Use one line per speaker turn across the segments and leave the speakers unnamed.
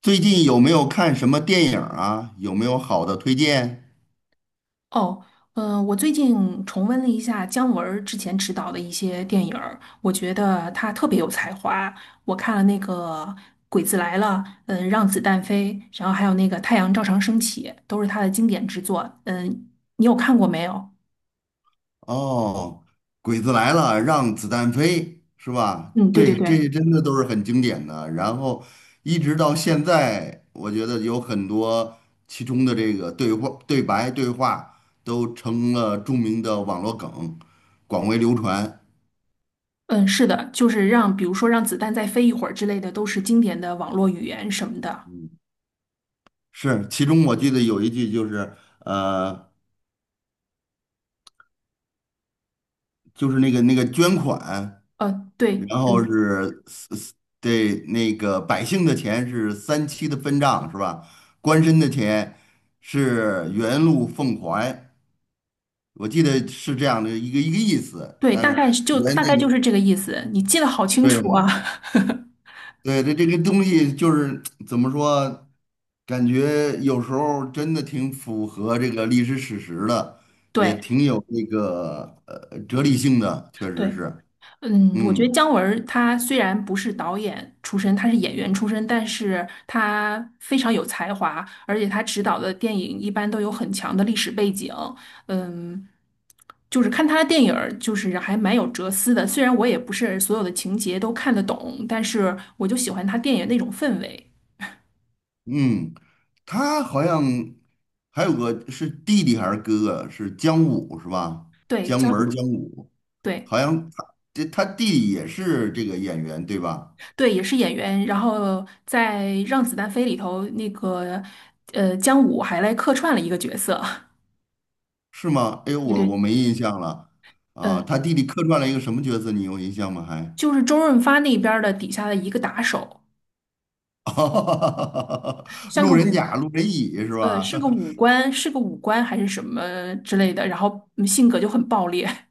最近有没有看什么电影啊？有没有好的推荐？
哦，我最近重温了一下姜文儿之前执导的一些电影儿，我觉得他特别有才华。我看了那个《鬼子来了》，嗯，《让子弹飞》，然后还有那个《太阳照常升起》，都是他的经典之作。嗯，你有看过没有？
哦，《鬼子来了》让子弹飞是吧？
嗯，对对
对，这
对，
些真的都是很经典的。然后一直到现在，我觉得有很多其中的这个对话、对白、对话都成了著名的网络梗，广为流传。
嗯，是的，就是让，比如说让子弹再飞一会儿之类的，都是经典的网络语言什么的。
嗯是，其中我记得有一句就是，呃，就是那个捐款。
对，
然后
嗯，
是对那个百姓的钱是三七的分账是吧？官绅的钱是原路奉还，我记得是这样的一个意思。
对，
但
大
是
概就
原
大
这
概就
个
是这个意思。你记得好清楚啊。
对对对，这个东西就是怎么说，感觉有时候真的挺符合这个历史史实的，也
对。
挺有这个哲理性的，确
对，
实是，
嗯，我觉得
嗯。
姜文儿他虽然不是导演出身，他是演员出身，但是他非常有才华，而且他执导的电影一般都有很强的历史背景。嗯，就是看他的电影儿，就是还蛮有哲思的。虽然我也不是所有的情节都看得懂，但是我就喜欢他电影那种氛围。
嗯，他好像还有个是弟弟还是哥哥，是姜武是吧？
对，
姜
姜
文儿
武，
姜武，
对
好像他这他弟弟也是这个演员对吧？
对，也是演员。然后在《让子弹飞》里头，姜武还来客串了一个角色。
是吗？哎呦，
对
我
对。
没印象了啊。
嗯，
他弟弟客串了一个什么角色？你有印象吗？还？
就是周润发那边儿的底下的一个打手，像个
路人
武，
甲、路人乙是
呃，
吧？
是个武官，是个武官还是什么之类的，然后嗯性格就很暴烈。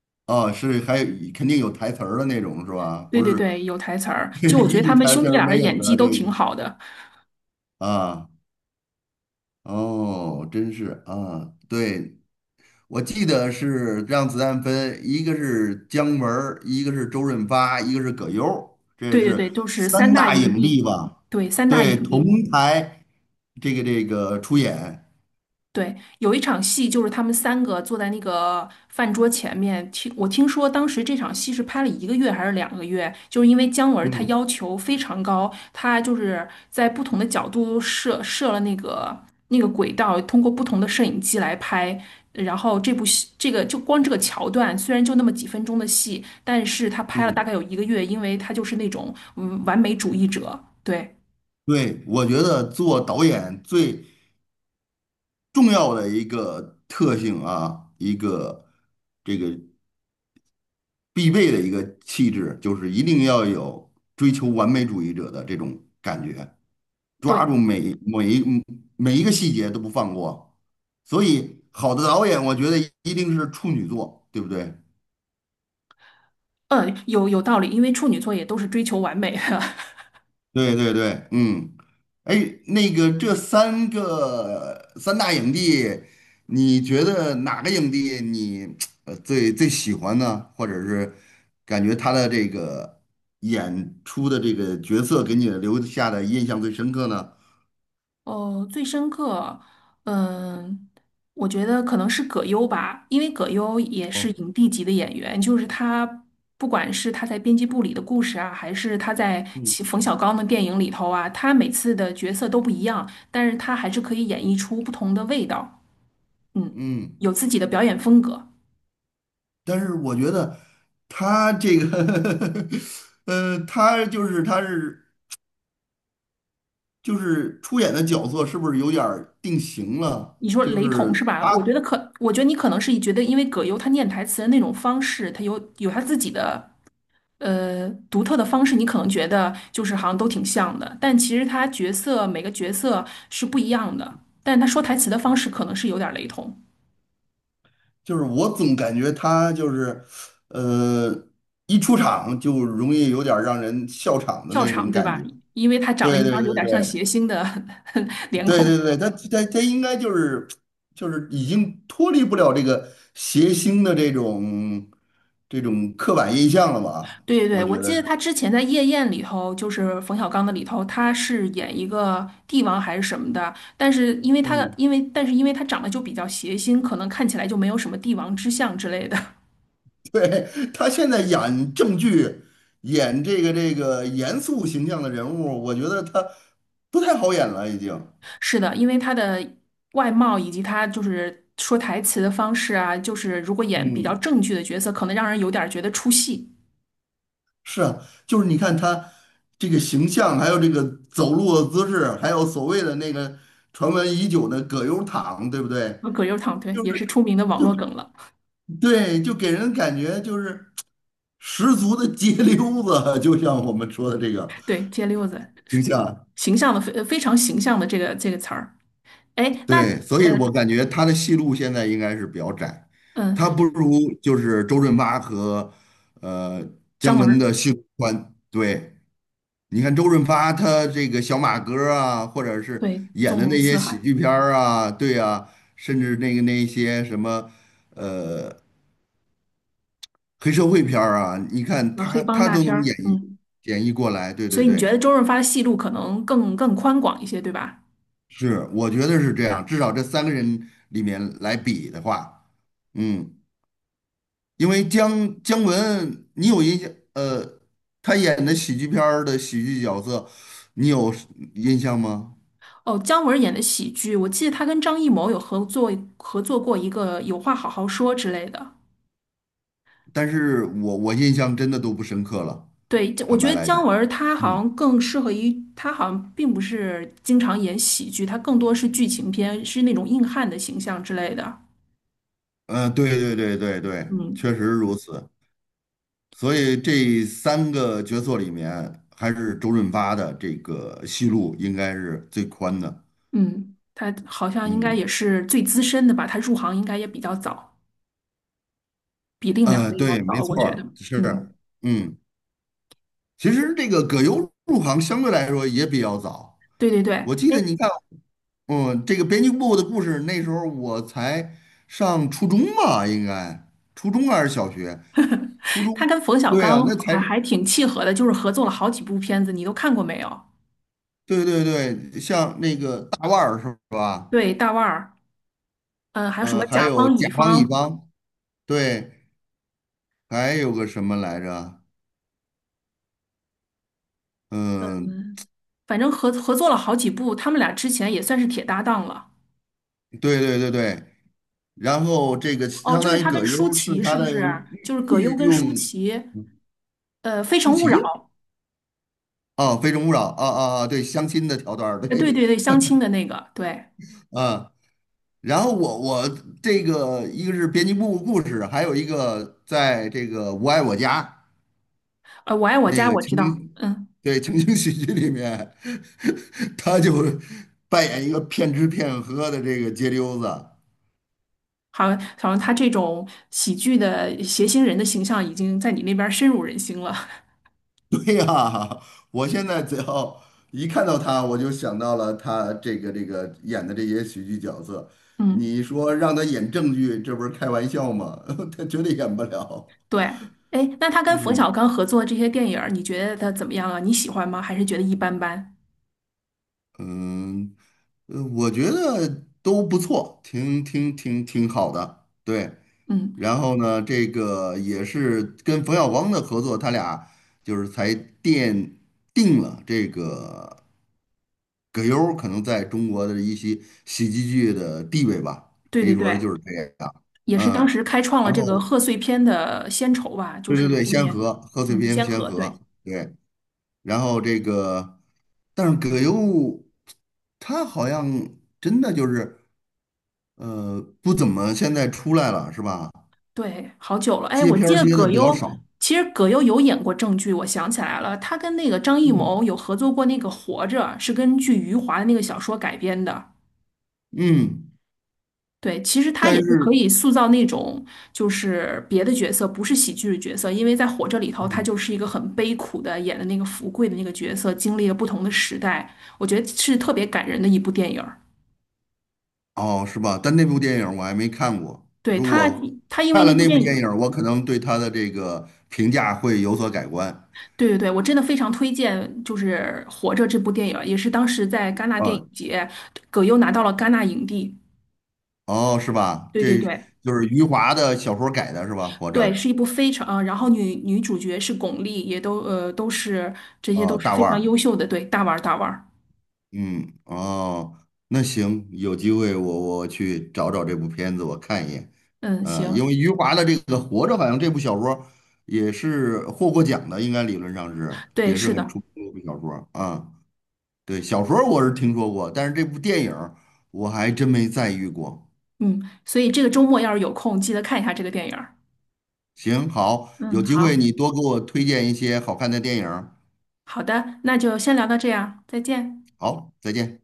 啊，是，还有肯定有台词儿的那种是吧？
对
不
对
是
对，有台词儿。就 我觉
一
得他
句
们
台
兄
词
弟
儿
俩的
没有
演
的
技都
这个
挺好的。
啊，哦，真是啊，对，我记得是让子弹飞，一个是姜文儿一个是周润发，一个是葛优儿这
对对
是
对，就是
三
三大
大
影
影帝
帝。
吧？
对，三大
对，
影
同
帝。
台这个这个出演，
对，有一场戏就是他们三个坐在那个饭桌前面，听我听说当时这场戏是拍了一个月还是两个月，就是因为姜文他
嗯
要求非常高，他就是在不同的角度设了那个轨道，通过不同的摄影机来拍。然后这部戏，这个就光这个桥段，虽然就那么几分钟的戏，但是他拍了大
嗯
概有一个月，因为他就是那种嗯完美主义者，对
对，我觉得做导演最重要的一个特性啊，一个这个必备的一个气质，就是一定要有追求完美主义者的这种感觉。抓住
对，
每每一每一个细节都不放过。所以，好的导演，我觉得一定是处女座，对不对？
嗯，有道理，因为处女座也都是追求完美的。
对对对，嗯，哎，那个这三大影帝，你觉得哪个影帝你最喜欢呢？或者是感觉他的这个演出的这个角色给你留下的印象最深刻呢？
哦，最深刻，嗯，我觉得可能是葛优吧，因为葛优也是
哦，
影帝级的演员，就是他，不管是他在《编辑部》里的故事啊，还是他在
嗯
其冯小刚的电影里头啊，他每次的角色都不一样，但是他还是可以演绎出不同的味道，嗯，
嗯。
有自己的表演风格。
但是我觉得他这个 他就是他是就是出演的角色是不是有点儿定型了？
你说
就
雷同是
是
吧？
他
我觉得你可能是觉得，因为葛优他念台词的那种方式，他有他自己的。呃独特的方式，你可能觉得就是好像都挺像的，但其实他每个角色是不一样的，但他说台词的方式可能是有点儿雷同。
就是我总感觉他就是呃，一出场就容易有点儿让人笑场的
笑
那
场，
种
对
感觉。
吧？因为他长了
对
一
对
张有
对
点像
对
谐星的 脸
对
孔。
对对，他应该就是就是已经脱离不了这个谐星的这种刻板印象了吧？
对对
我
对，
觉
我
得
记得
是，
他之前在《夜宴》里头，就是冯小刚的里头，他是演一个帝王还是什么的，但是因为他
嗯
因为但是因为他长得就比较谐星，可能看起来就没有什么帝王之相之类的。
对，他现在演正剧，演这个这个严肃形象的人物，我觉得他不太好演了，已经。
是的，因为他的外貌以及他就是说台词的方式啊，就是如果演比较
嗯，
正剧的角色，可能让人有点儿觉得出戏。
是啊，就是你看他这个形象，还有这个走路的姿势，还有所谓的那个传闻已久的葛优躺，对不对？
葛优躺，对，
就是
也是出名的网
就
络梗了。
对，就给人感觉就是 十足的街溜子，就像我们说的这个
对，街溜子，
形象。
形象的非常形象的这个词儿。哎，那
对，所以
呃
我感觉他的戏路现在应该是比较窄，
嗯，
他不如就是周润发和呃
姜
姜
文
文
儿，
的戏路宽。对，你看周润发他这个小马哥儿啊，或者是
对，
演
纵
的
横
那些
四
喜
海，
剧片儿啊，对啊，甚至那个那些什么呃黑社会片儿啊，你看
呃，黑
他
帮
他
大
都
片
能
儿，
演绎
嗯，
演绎过来。对
所
对
以你
对，
觉得周润发的戏路可能更宽广一些，对吧？
是，我觉得是这样，至少这三个人里面来比的话，嗯。因为姜姜文，你有印象？他演的喜剧片儿的喜剧角色，你有印象吗？
哦，姜文演的喜剧，我记得他跟张艺谋有合作过一个《有话好好说》之类的。
但是我印象真的都不深刻了，
对，这我
坦
觉
白
得
来
姜
讲，
文他好
嗯，
像更适合于，他好像并不是经常演喜剧，他更多是剧情片，是那种硬汉的形象之类的。
对对对对对，
嗯
确实如此。所以这三个角色里面，还是周润发的这个戏路应该是最宽的。
嗯，他好像应该
嗯，
也是最资深的吧，他入行应该也比较早，比另两位要
对，没
早，我
错
觉得。
儿，是，
嗯，
嗯，其实这个葛优入行相对来说也比较早。
对对对，
我记得你看，嗯，这个编辑部的故事，那时候我才上初中吧，应该初中还是小学？初中，
他跟冯小
对啊，
刚
那才
还挺契合的，就是合作了好几部片子，你都看过没有？
对对对，像那个大腕儿是吧？
对，大腕儿。嗯，还有什么
嗯，还
甲
有
方乙
甲方乙
方，
方，对，还有个什么来着？嗯，
反正合作了好几部，他们俩之前也算是铁搭档了。
对对对对，然后这个
哦，
相
就是
当于
他跟
葛优
舒
是
淇
他
是不
的御
是？就是葛优
御
跟舒
用
淇，呃，《非
舒
诚勿扰》，
淇啊，《非诚勿扰》啊啊啊，对，相亲的桥段儿，
呃，对
对
对对，相亲的那个，对，
啊。然后我我这个一个是编辑部故事，还有一个在这个《我爱我家》
呃，《我爱我
那
家》
个
我知
情
道，
景，
嗯，
对情景喜剧里面，他就扮演一个骗吃骗喝的这个街溜子。
好像他这种喜剧的谐星人的形象已经在你那边深入人心了，
对呀，我现在只要一看到他，我就想到了他这个这个演的这些喜剧角色。
嗯，
你说让他演正剧，这不是开玩笑吗？他绝对演不了。
对，哎，那他跟冯
嗯。
小刚合作这些电影儿你觉得他怎么样啊？你喜欢吗？还是觉得一般般？
嗯，我觉得都不错，挺挺挺挺好的，对。
嗯，
然后呢，这个也是跟冯小刚的合作，他俩就是才奠定了这个葛优儿可能在中国的一些喜剧剧的地位吧，
对
可
对
以说
对。
就是这样。
也
嗯，
是当时开创了
然
这个
后
贺岁片的先筹吧，就
对
是
对对，
每一
先
年，
河，贺岁
嗯，
片
先
先
河，
河，
对
对。然后这个，但是葛优他好像真的就是不怎么现在出来了是吧？
对，好久了。哎，
接
我
片
记
儿
得
接的
葛
比较
优，
少，
其实葛优有演过正剧，我想起来了，他跟那个张艺谋
嗯
有合作过那个《活着》，是根据余华的那个小说改编的。
嗯，
对，其实他也
但
是可
是
以塑造那种就是别的角色，不是喜剧的角色，因为在《活着》里头，他
嗯
就是一个很悲苦的演的那个福贵的那个角色，经历了不同的时代，我觉得是特别感人的一部电影。
哦是吧？但那部电影我还没看过，
对
如
他，
果
他因为
看
那
了
部
那部
电
电
影，
影，我可能对他的这个评价会有所改观
对对对，我真的非常推荐，就是《活着》这部电影，也是当时在戛纳电影
啊
节，葛优拿到了戛纳影帝。
哦是吧？
对对
这
对
就是余华的小说改的是吧？活
对，
着
是一部非常，呃，然后女主角是巩俐，也都呃都是这些
啊，
都是
大
非
腕
常
儿。
优秀的，对，大腕儿大腕儿。
嗯，哦，那行，有机会我去找找这部片子，我看一眼。
嗯，
因
行，
为余华的这个《活着》好像这部小说也是获过奖的，应该理论上是
对，
也是
是
很
的，
出名的一部小说啊。对，小说我是听说过，但是这部电影儿我还真没在意过。
嗯，所以这个周末要是有空，记得看一下这个电影儿。
行，好，
嗯，
有机会
好
你多给我推荐一些好看的电影儿
好的，那就先聊到这样，再见。
好，再见。